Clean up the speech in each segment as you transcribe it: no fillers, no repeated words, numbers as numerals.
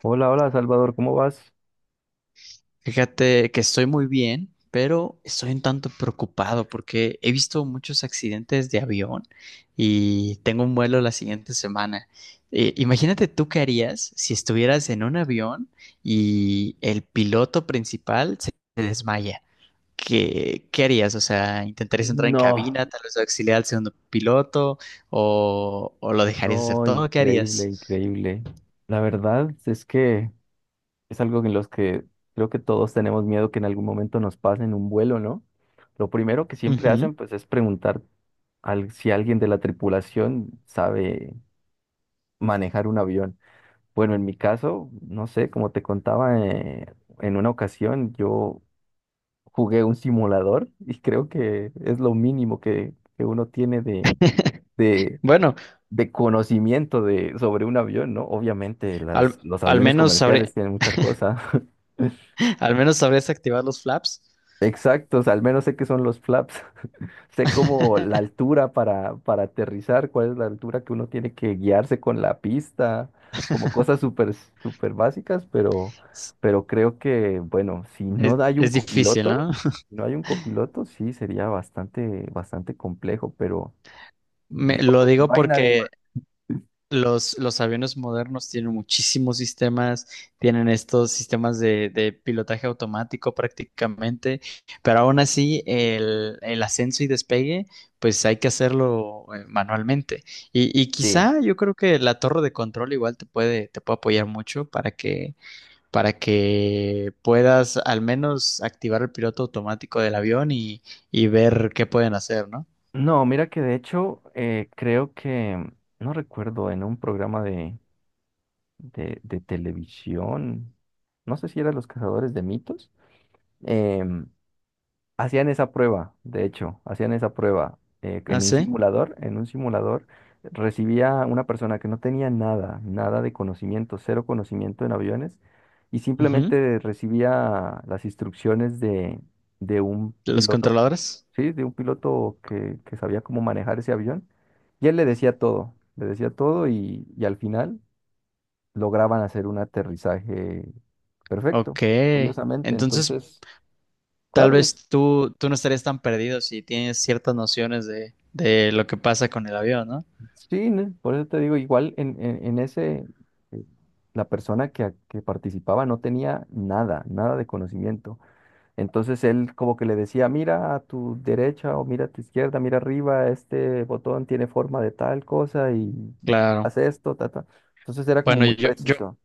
Hola, hola Salvador, ¿cómo vas? Fíjate que estoy muy bien, pero estoy un tanto preocupado porque he visto muchos accidentes de avión y tengo un vuelo la siguiente semana. Imagínate tú qué harías si estuvieras en un avión y el piloto principal se desmaya. ¿Qué harías? O sea, ¿intentarías entrar en No, cabina, tal vez auxiliar al segundo piloto o lo dejarías hacer No, todo? ¿Qué increíble, harías? increíble. La verdad es que es algo en los que creo que todos tenemos miedo que en algún momento nos pase en un vuelo, ¿no? Lo primero que siempre Ujú. hacen pues es preguntar si alguien de la tripulación sabe manejar un avión. Bueno, en mi caso, no sé, como te contaba, en una ocasión yo jugué un simulador y creo que es lo mínimo que, uno tiene de Bueno, de conocimiento de, sobre un avión, ¿no? Obviamente, al, los al aviones menos sabrí- comerciales tienen mucha cosa. al menos sabrías activar los flaps. Exactos, al menos sé que son los flaps. Sé como la altura para aterrizar, cuál es la altura que uno tiene que guiarse con la pista, como cosas súper, súper básicas, pero creo que, bueno, si Es, no hay un es difícil, copiloto, ¿no? si no hay un copiloto, sí sería bastante, bastante complejo, pero digo, lo pues si digo no hay nadie porque más. los aviones modernos tienen muchísimos sistemas, tienen estos sistemas de pilotaje automático prácticamente, pero aún así el ascenso y despegue, pues hay que hacerlo manualmente. Y Sí. quizá yo creo que la torre de control igual te puede apoyar mucho para que puedas al menos activar el piloto automático del avión y ver qué pueden hacer, ¿no? No, mira que de hecho creo que, no recuerdo, en un programa de televisión, no sé si eran Los Cazadores de Mitos, em, hacían esa prueba, de hecho, hacían esa prueba Ah, sí. En un simulador recibía una persona que no tenía nada, nada de conocimiento, cero conocimiento en aviones, y Ujú. simplemente recibía las instrucciones de un Los piloto, controladores. ¿sí? De un piloto que sabía cómo manejar ese avión, y él le decía todo, y al final lograban hacer un aterrizaje perfecto, Ok. curiosamente, Entonces, entonces... tal Claro, vez tú no estarías tan perdido si tienes ciertas nociones de lo que pasa con el avión, ¿no? sí, ¿no? Por eso te digo, igual en ese, eh, la persona que participaba no tenía nada, nada de conocimiento. Entonces él como que le decía, mira a tu derecha o mira a tu izquierda, mira arriba, este botón tiene forma de tal cosa y Claro. hace esto, ta, ta". Entonces era como Bueno, muy yo, yo preciso.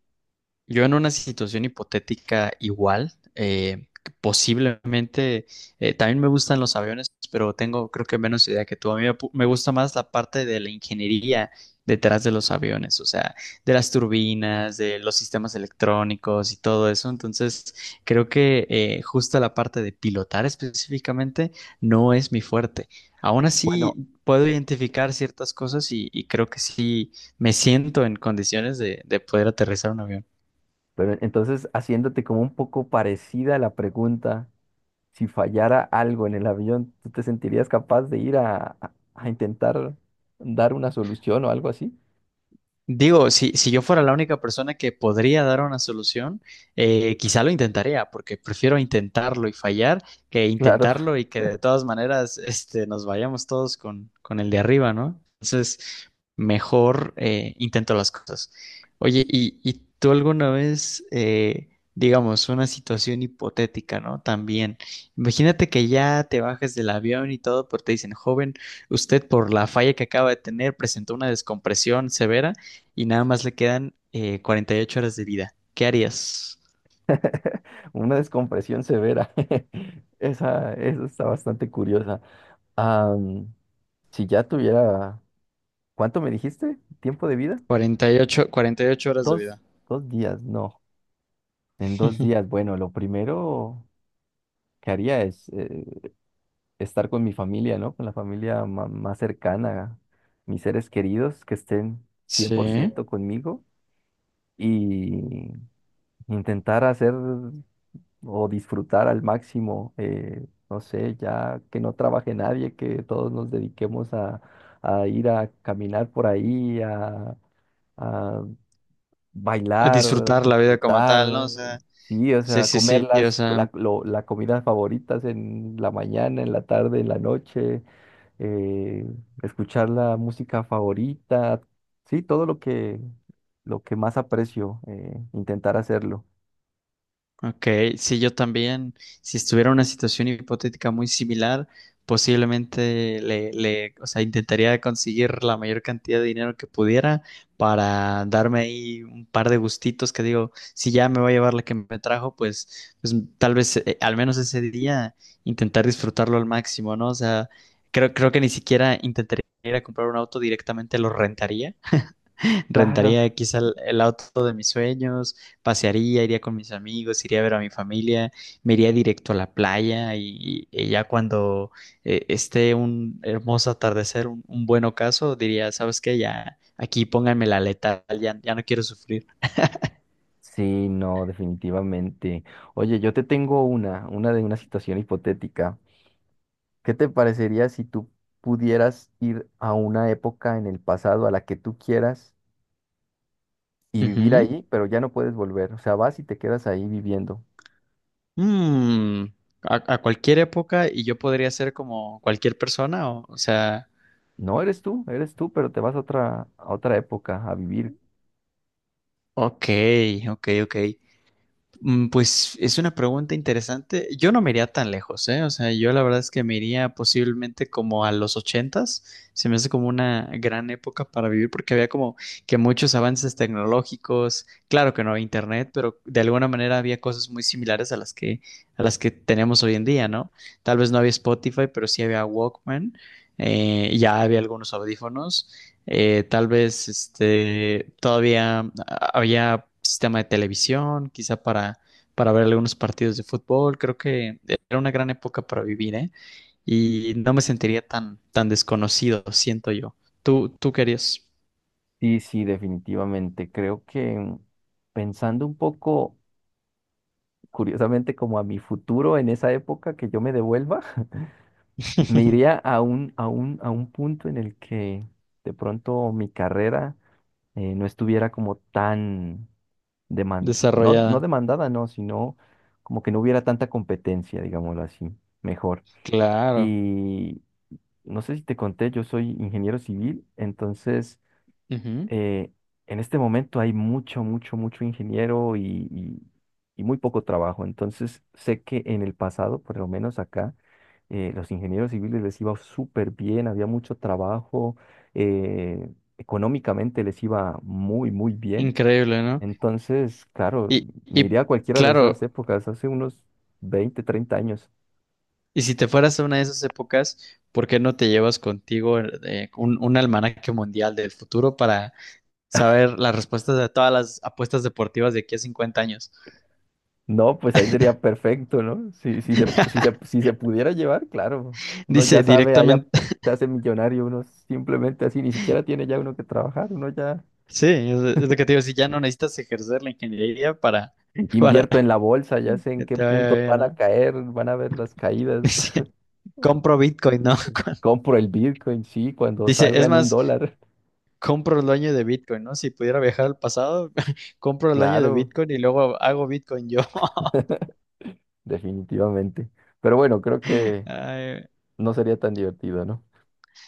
Yo en una situación hipotética igual, posiblemente, también me gustan los aviones, pero tengo creo que menos idea que tú. A mí me gusta más la parte de la ingeniería detrás de los aviones, o sea, de las turbinas, de los sistemas electrónicos y todo eso. Entonces, creo que justo la parte de pilotar específicamente no es mi fuerte. Aún Bueno, así, puedo eh, identificar ciertas cosas y creo que sí me siento en condiciones de poder aterrizar un avión. pero entonces haciéndote como un poco parecida la pregunta. Si fallara algo en el avión, ¿tú te sentirías capaz de ir a intentar dar una solución o algo así? Digo, si yo fuera la única persona que podría dar una solución, quizá lo intentaría, porque prefiero intentarlo y fallar que Claro. intentarlo y que de todas maneras nos vayamos todos con el de arriba, ¿no? Entonces, mejor intento las cosas. Oye, ¿y tú alguna vez, digamos, una situación hipotética, ¿no? También, imagínate que ya te bajes del avión y todo, pero te dicen, joven, usted por la falla que acaba de tener presentó una descompresión severa y nada más le quedan 48 horas de vida. ¿Qué harías? Una descompresión severa. Esa, eso está bastante curiosa. Am, si ya tuviera, ¿cuánto me dijiste? ¿Tiempo de vida? 48 horas de Dos, vida. dos días, no. En dos días, bueno, lo primero que haría es estar con mi familia, ¿no? Con la familia más cercana, mis seres queridos que estén cien por Sí. ciento conmigo y intentar hacer o disfrutar al máximo, no sé, ya que no trabaje nadie, que todos nos dediquemos a ir a caminar por ahí, a A bailar, disfrutar la vida como disfrutar, tal, ¿no? O sea, sí, o sí, sea, sí, comer sí. O sea, la comidas favoritas en la mañana, en la tarde, en la noche, eh, escuchar la música favorita, sí, todo lo que más aprecio, intentar hacerlo. ok, sí, yo también, si estuviera en una situación hipotética muy similar, posiblemente le, o sea, intentaría conseguir la mayor cantidad de dinero que pudiera para darme ahí un par de gustitos que digo, si ya me voy a llevar la que me trajo, pues tal vez al menos ese día intentar disfrutarlo al máximo, ¿no? O sea, creo que ni siquiera intentaría ir a comprar un auto directamente, lo rentaría Rentaría Claro. quizá el auto de mis sueños, pasearía, iría con mis amigos, iría a ver a mi familia, me iría directo a la playa y ya cuando esté un hermoso atardecer, un buen ocaso, diría, ¿sabes qué? Ya aquí pónganme la letal, ya, ya no quiero sufrir. Sí, no, definitivamente. Oye, yo te tengo una de una situación hipotética. ¿Qué te parecería si tú pudieras ir a una época en el pasado a la que tú quieras y vivir Ujú. ahí, pero ya no puedes volver? O sea, vas y te quedas ahí viviendo. Mm, a cualquier época y yo podría ser como cualquier persona, o sea, No eres tú, eres tú, pero te vas a otra época a vivir. ok, ok, ok. Pues es una pregunta interesante. Yo no me iría tan lejos, ¿eh? O sea, yo la verdad es que me iría posiblemente como a los ochentas. Se me hace como una gran época para vivir porque había como que muchos avances tecnológicos. Claro que no había internet, pero de alguna manera había cosas muy similares a las que tenemos hoy en día, ¿no? Tal vez no había Spotify, pero sí había Walkman. Ya había algunos audífonos tal vez todavía había sistema de televisión, quizá para ver algunos partidos de fútbol. Creo que era una gran época para vivir, ¿eh? Y no me sentiría tan desconocido, siento yo. ¿Tú querías? Sí, sí, definitivamente. Creo que mm, pensando un poco, curiosamente, como a mi futuro en esa época que yo me devuelva. Me iría a a un punto en el que de pronto mi carrera no estuviera como tan Desarrollada. demandada, no, sino como que no hubiera tanta competencia, digámoslo así, mejor. Claro. Y no sé si te conté, yo soy ingeniero civil, entonces Ujú. eh, en este momento hay mucho, mucho, mucho ingeniero y- y muy poco trabajo. Entonces, sé que en el pasado, por lo menos acá, los ingenieros civiles les iba súper bien, había mucho trabajo, eh, económicamente les iba muy, muy bien. Increíble, ¿no? Entonces, claro, Y, me iría y a cualquiera de esas claro, épocas, hace unos 20, 30 años. y si te fueras a una de esas épocas, ¿por qué no te llevas contigo un almanaque mundial del futuro para saber las respuestas de todas las apuestas deportivas de aquí a 50 años. No, pues ahí sería perfecto, ¿no? Si se pudiera llevar, claro. Uno ya Dice sabe, allá directamente, se hace millonario, uno simplemente así, ni siquiera tiene ya uno que trabajar, uno ya sí, es lo que te digo, si ya no necesitas ejercer la ingeniería para, para invierto en la bolsa, ya sé en que qué te vaya puntos bien, van a ¿no? caer, van a ver las caídas. Dice, compro Bitcoin, ¿no? Compro el Bitcoin, sí, cuando Dice, salga es en un más, dólar. compro el dueño de Bitcoin, ¿no? Si pudiera viajar al pasado, compro el dueño de Claro, Bitcoin y luego hago Bitcoin yo. definitivamente. Pero bueno, creo que Ay, no sería tan divertido, ¿no?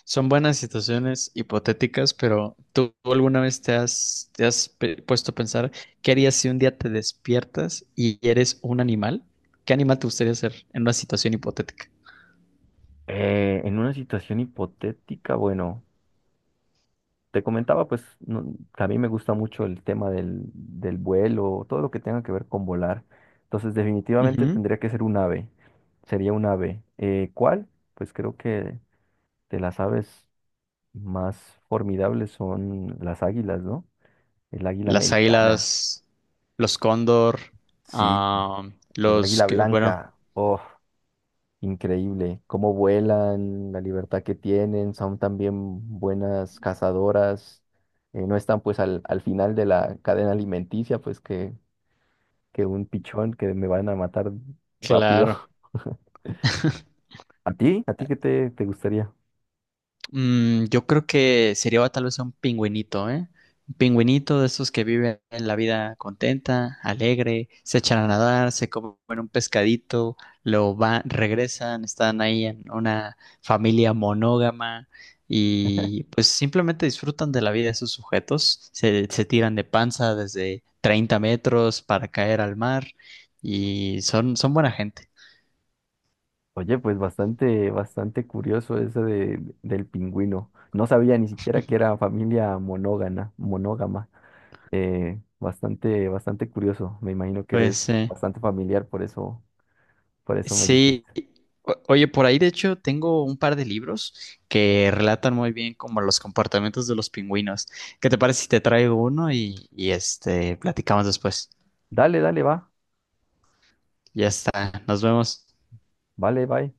son buenas situaciones hipotéticas, pero ¿tú alguna vez te has puesto a pensar qué harías si un día te despiertas y eres un animal? ¿Qué animal te gustaría ser en una situación hipotética? En una situación hipotética, bueno. Te comentaba, pues, que a mí me gusta mucho el tema del vuelo, todo lo que tenga que ver con volar. Entonces, definitivamente Ujú. tendría que ser un ave. Sería un ave. ¿Cuál? Pues creo que de las aves más formidables son las águilas, ¿no? El águila Las americana, águilas, los cóndor, sí, ah, el los águila que, bueno, blanca. Oh. Increíble, cómo vuelan, la libertad que tienen, son también buenas cazadoras, no están pues al final de la cadena alimenticia, pues que un pichón que me van a matar rápido. claro. ¿A ti? ¿A ti qué te, te gustaría? Yo creo que sería tal vez un pingüinito, ¿eh? Un pingüinito de esos que viven la vida contenta, alegre, se echan a nadar, se comen un pescadito, lo van, regresan, están ahí en una familia monógama y pues simplemente disfrutan de la vida de sus sujetos, se tiran de panza desde 30 metros para caer al mar y son buena gente. Oye, pues bastante, bastante curioso eso de, del pingüino. No sabía ni siquiera que era familia monógama, monógama. Bastante, bastante curioso. Me imagino que Pues, eres bastante familiar, por eso me dices. sí, oye, por ahí de hecho tengo un par de libros que relatan muy bien como los comportamientos de los pingüinos. ¿Qué te parece si te traigo uno y platicamos después? Dale, dale, va. Ya está, nos vemos. Vale, bye.